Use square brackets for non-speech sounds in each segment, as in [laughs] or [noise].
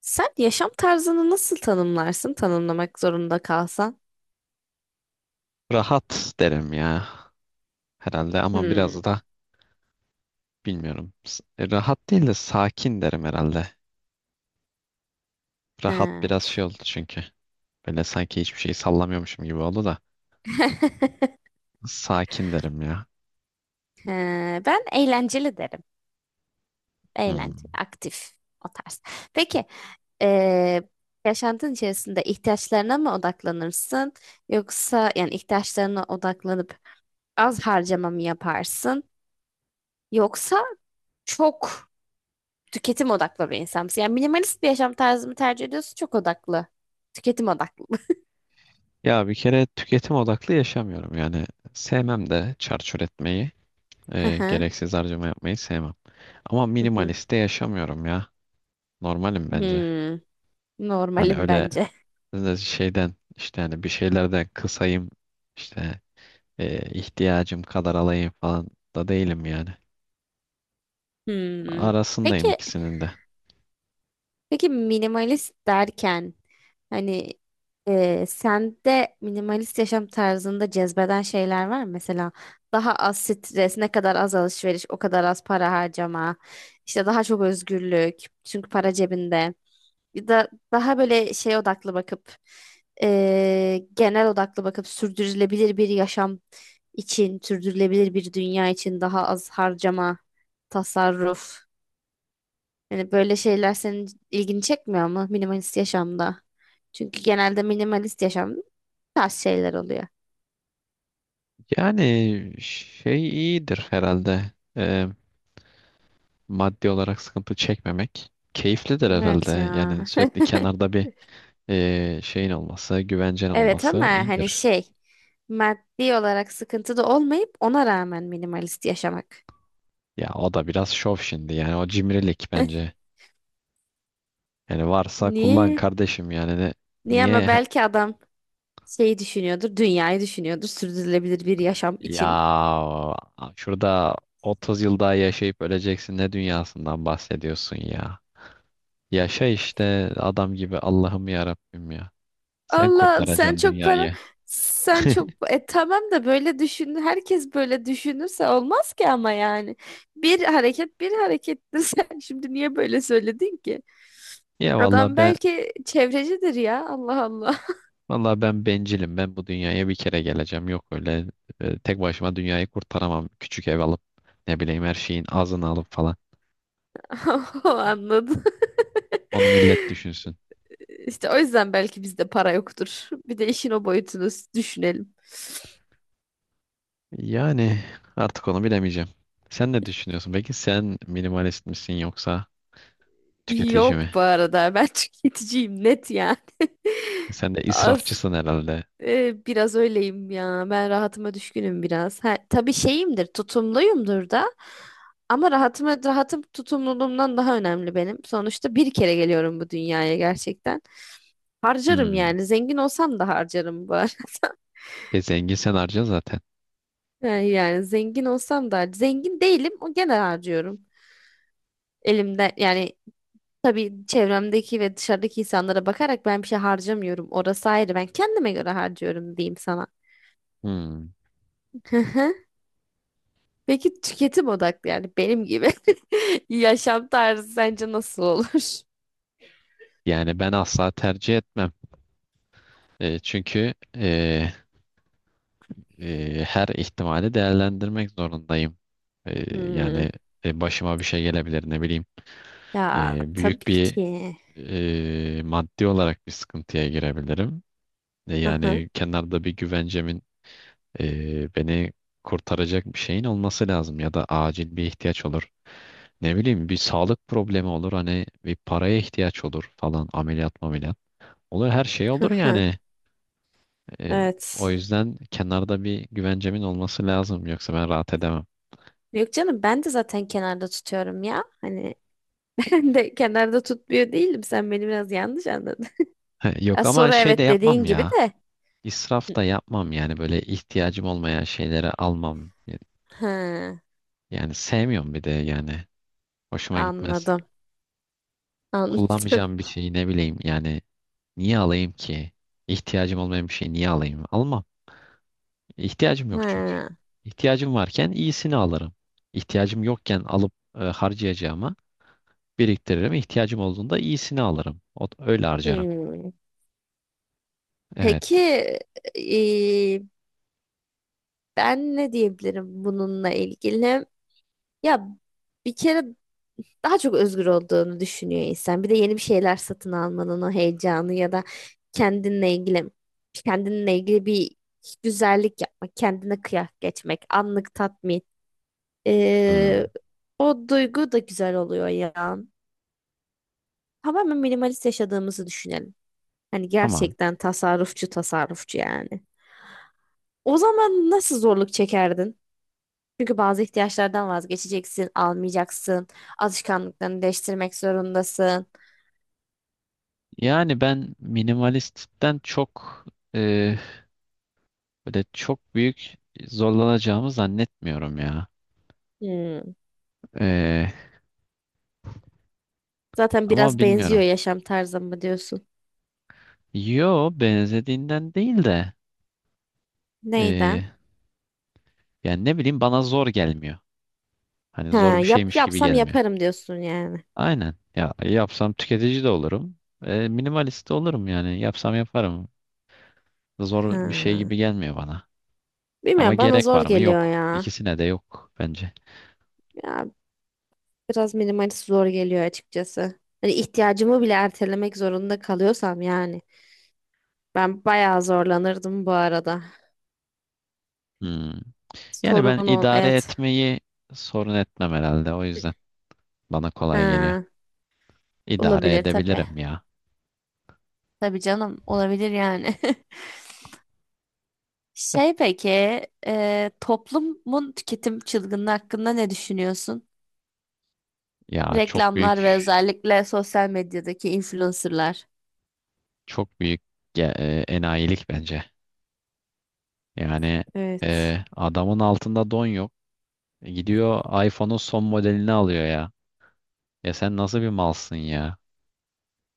Sen yaşam tarzını nasıl tanımlarsın tanımlamak zorunda kalsan? Rahat derim ya herhalde ama Hmm. biraz da bilmiyorum. Rahat değil de sakin derim herhalde. Rahat He. biraz şey oldu çünkü. Böyle sanki hiçbir şeyi sallamıyormuşum gibi oldu da. [laughs] Sakin derim ya. He, ben eğlenceli derim. Eğlenceli, Hmm. aktif o tarz. Peki, eee, yaşantın içerisinde ihtiyaçlarına mı odaklanırsın? Yoksa yani ihtiyaçlarına odaklanıp az harcama mı yaparsın? Yoksa çok tüketim odaklı bir insan mısın? Yani minimalist bir yaşam tarzı mı tercih ediyorsun? Çok odaklı. Tüketim odaklı mı? Ya bir kere tüketim odaklı yaşamıyorum yani. Sevmem de çarçur etmeyi, [laughs] Hı hı. gereksiz harcama yapmayı sevmem. Ama Hı hı. minimalist de yaşamıyorum ya. Normalim bence. Hmm. Hani Normalim öyle bence. Şeyden işte hani bir şeylerden kısayım işte ihtiyacım kadar alayım falan da değilim yani. Hmm. Peki, Arasındayım ikisinin de. Peki minimalist derken hani sende minimalist yaşam tarzında cezbeden şeyler var mı? Mesela daha az stres, ne kadar az alışveriş, o kadar az para harcama, işte daha çok özgürlük çünkü para cebinde. Ya da daha böyle şey odaklı bakıp genel odaklı bakıp sürdürülebilir bir yaşam için, sürdürülebilir bir dünya için daha az harcama, tasarruf. Yani böyle şeyler senin ilgini çekmiyor mu minimalist yaşamda? Çünkü genelde minimalist yaşamda bu tarz şeyler oluyor. Yani şey iyidir herhalde. Maddi olarak sıkıntı çekmemek. Keyiflidir Evet herhalde. ya. Yani [laughs] sürekli kenarda bir şeyin olması, güvencen Evet ama olması hani iyidir. şey, maddi olarak sıkıntı da olmayıp ona rağmen minimalist yaşamak. Ya o da biraz şov şimdi yani o cimrilik [laughs] bence. Yani varsa kullan Niye? kardeşim yani ne, Niye ama niye belki adam şeyi düşünüyordur, dünyayı düşünüyordur sürdürülebilir bir yaşam için. ya şurada 30 yıl daha yaşayıp öleceksin, ne dünyasından bahsediyorsun ya. Yaşa işte adam gibi Allah'ım ya Rabbim ya. Sen Allah, kurtaracaksın dünyayı. sen çok, [laughs] tamam da böyle düşün, herkes böyle düşünürse olmaz ki ama yani bir hareket bir harekettir. [laughs] Sen şimdi niye böyle söyledin ki? Ya vallahi Adam ben belki çevrecidir ya, Allah Allah. vallahi ben bencilim. Ben bu dünyaya bir kere geleceğim. Yok öyle tek başıma dünyayı kurtaramam. Küçük ev alıp ne bileyim her şeyin azını alıp falan. [laughs] O anladı. Onu millet [laughs] düşünsün. işte o yüzden belki bizde para yoktur, bir de işin o boyutunu düşünelim. Yani artık onu bilemeyeceğim. Sen ne düşünüyorsun? Peki sen minimalist misin yoksa tüketici mi? Yok, bu arada ben [laughs] tüketiciyim, net yani. [laughs] Sen de Az, israfçısın herhalde. Biraz öyleyim ya. Ben rahatıma düşkünüm biraz. Ha, tabii şeyimdir, tutumluyumdur da. Ama rahatım tutumluluğumdan daha önemli benim. Sonuçta bir kere geliyorum bu dünyaya gerçekten. Harcarım Hmm. yani. Zengin olsam da harcarım bu ara. [laughs] E zengin sen harca zaten. Yani, zengin olsam da zengin değilim. O gene harcıyorum. Elimden yani, tabii çevremdeki ve dışarıdaki insanlara bakarak ben bir şey harcamıyorum. Orası ayrı. Ben kendime göre harcıyorum diyeyim sana. Hmm. [laughs] Peki tüketim odaklı, yani benim gibi [laughs] yaşam tarzı sence nasıl olur? Yani ben asla tercih etmem. Çünkü her ihtimali değerlendirmek zorundayım. E, Hmm. yani başıma bir şey gelebilir ne bileyim. Ya E, tabii büyük bir ki. Maddi olarak bir sıkıntıya girebilirim. E, Hı hı, yani kenarda bir güvencemin beni kurtaracak bir şeyin olması lazım ya da acil bir ihtiyaç olur. Ne bileyim bir sağlık problemi olur, hani bir paraya ihtiyaç olur falan, ameliyat ameliyat. Olur, her şey hı olur hı. yani. E, o Evet. yüzden kenarda bir güvencemin olması lazım. Yoksa ben rahat edemem. Yok canım, ben de zaten kenarda tutuyorum ya. Hani [laughs] ben de kenarda tutmuyor değilim. Sen beni biraz yanlış anladın. He, yok Ya, ama soru şey de evet yapmam dediğin gibi ya. de. İsraf da yapmam yani, böyle ihtiyacım olmayan şeyleri almam. Hı, Yani sevmiyorum bir de yani. Hoşuma gitmez. anladım. [laughs] Anladım. Kullanmayacağım bir şeyi ne bileyim yani niye alayım ki? İhtiyacım olmayan bir şeyi niye alayım? Almam. İhtiyacım yok çünkü. Ha. İhtiyacım varken iyisini alırım. İhtiyacım yokken alıp harcayacağıma biriktiririm. İhtiyacım olduğunda iyisini alırım. O, öyle harcarım. Hmm. Peki Evet. e, ben ne diyebilirim bununla ilgili? Ya bir kere daha çok özgür olduğunu düşünüyor insan. Bir de yeni bir şeyler satın almanın o heyecanı ya da kendinle ilgili kendinle ilgili bir güzellik yapmak, kendine kıyak geçmek, anlık tatmin. Ee, Hmm, O duygu da güzel oluyor ya. Tamamen minimalist yaşadığımızı düşünelim. Hani tamam. gerçekten tasarrufçu tasarrufçu yani. O zaman nasıl zorluk çekerdin? Çünkü bazı ihtiyaçlardan vazgeçeceksin, almayacaksın, alışkanlıklarını değiştirmek zorundasın. Yani ben minimalistten çok e, böyle çok büyük zorlanacağımı zannetmiyorum ya. Hmm. E, Zaten ama biraz benziyor bilmiyorum. yaşam tarzıma diyorsun? Yo, benzediğinden değil de e, Neyden? yani ne bileyim bana zor gelmiyor. Hani Ha, zor bir yap şeymiş gibi yapsam gelmiyor. yaparım diyorsun yani. Aynen. Ya yapsam tüketici de olurum. Minimalist de olurum yani. Yapsam yaparım. Zor bir şey gibi Ha. gelmiyor bana. Ama Bilmiyorum, bana gerek zor var mı? geliyor Yok. ya. İkisine de yok bence. Ya biraz minimalist zor geliyor açıkçası. Hani ihtiyacımı bile ertelemek zorunda kalıyorsam yani. Ben bayağı zorlanırdım bu arada. Hmm. Yani ben Sorun ol, idare evet. etmeyi sorun etmem herhalde. O yüzden bana kolay geliyor. Ha, İdare olabilir tabii. edebilirim ya. Tabii canım, olabilir yani. [laughs] Şey peki, toplumun tüketim çılgınlığı hakkında ne düşünüyorsun? Ya çok Reklamlar ve büyük, özellikle sosyal medyadaki influencerlar. çok büyük enayilik bence. Yani Evet. Adamın altında don yok. Gidiyor iPhone'un son modelini alıyor ya. Ya sen nasıl bir malsın ya?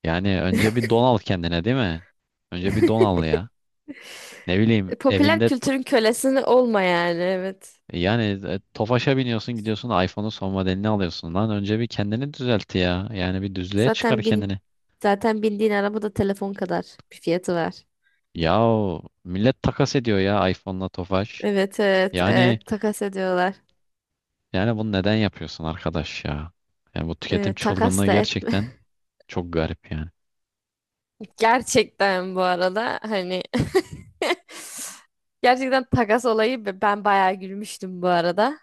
Yani önce bir [laughs] don al kendine, değil mi? Önce bir don al ya. Ne bileyim Popüler evinde. kültürün kölesini olma yani, evet. Yani Tofaş'a biniyorsun, gidiyorsun iPhone'un son modelini alıyorsun lan. Önce bir kendini düzelt ya. Yani bir düzlüğe çıkar Zaten kendini. bin zaten bindiğin araba da telefon kadar bir fiyatı var. Yahu millet takas ediyor ya iPhone'la Tofaş. Evet evet Yani evet, takas ediyorlar. yani bunu neden yapıyorsun arkadaş ya? Yani bu tüketim Takas çılgınlığı da etme. gerçekten çok garip yani. [laughs] Gerçekten bu arada hani [laughs] gerçekten takas olayı ben bayağı gülmüştüm bu arada.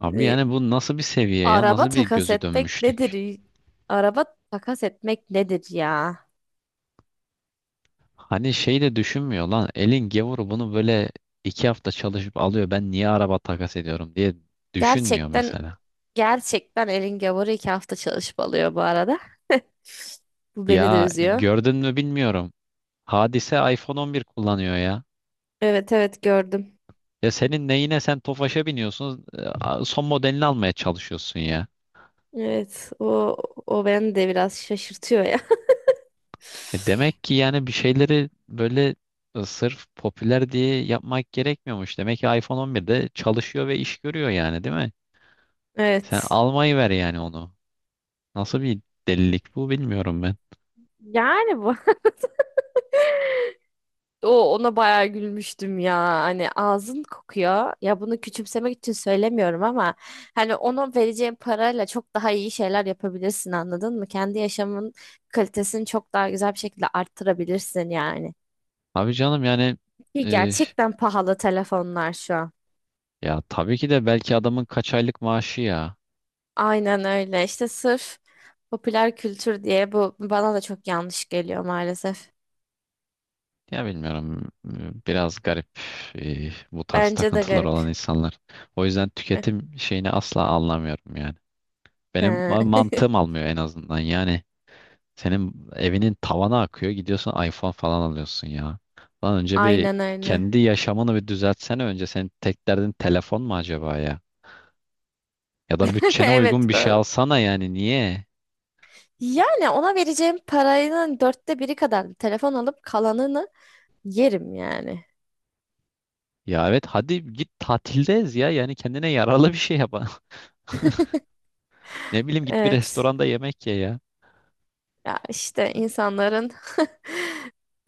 Abi Ee, yani bu nasıl bir seviye ya? Araba Nasıl bir takas gözü etmek dönmüşlük? nedir? Araba takas etmek nedir ya? Hani şey de düşünmüyor lan. Elin gavuru bunu böyle 2 hafta çalışıp alıyor. Ben niye araba takas ediyorum diye düşünmüyor Gerçekten mesela. gerçekten elin gavuru 2 hafta çalışmalıyor bu arada. [laughs] Bu beni de Ya üzüyor. gördün mü bilmiyorum. Hadise iPhone 11 kullanıyor ya. Evet evet, gördüm. Ya senin neyine, sen Tofaş'a biniyorsun, son modelini almaya çalışıyorsun ya. Evet, o beni de biraz şaşırtıyor ya. [laughs] Demek ki yani bir şeyleri böyle sırf popüler diye yapmak gerekmiyormuş. Demek ki iPhone 11'de çalışıyor ve iş görüyor yani, değil mi? Sen Evet. almayı ver yani onu. Nasıl bir delilik bu, bilmiyorum ben. Yani bu. O ona bayağı gülmüştüm ya. Hani ağzın kokuyor. Ya bunu küçümsemek için söylemiyorum ama hani onun vereceğin parayla çok daha iyi şeyler yapabilirsin, anladın mı? Kendi yaşamın kalitesini çok daha güzel bir şekilde arttırabilirsin yani. Abi canım yani Ki e, gerçekten pahalı telefonlar şu an. ya tabii ki de belki adamın kaç aylık maaşı ya. Aynen öyle. İşte sırf popüler kültür diye bu bana da çok yanlış geliyor maalesef. Ya bilmiyorum. Biraz garip bu tarz Bence de takıntılar garip. olan insanlar. O yüzden tüketim [laughs] şeyini asla anlamıyorum yani. Benim He. mantığım almıyor en azından. Yani senin evinin tavana akıyor. Gidiyorsun iPhone falan alıyorsun ya. Lan önce bir Aynen öyle. kendi yaşamını bir düzeltsene önce. Senin tek derdin telefon mu acaba ya? Ya da [laughs] bütçene uygun Evet. bir şey alsana, yani niye? Yani ona vereceğim paranın dörtte biri kadar bir telefon alıp kalanını yerim yani. Ya evet, hadi git tatildeyiz ya. Yani kendine yaralı bir şey yap. [laughs] Ne bileyim git bir Evet. restoranda yemek ye ya. Ya işte insanların [laughs]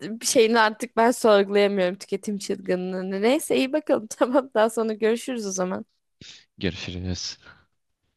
bir şeyini artık ben sorgulayamıyorum, tüketim çılgınlığını. Neyse, iyi bakalım. [laughs] Tamam, daha sonra görüşürüz o zaman. Görüşürüz.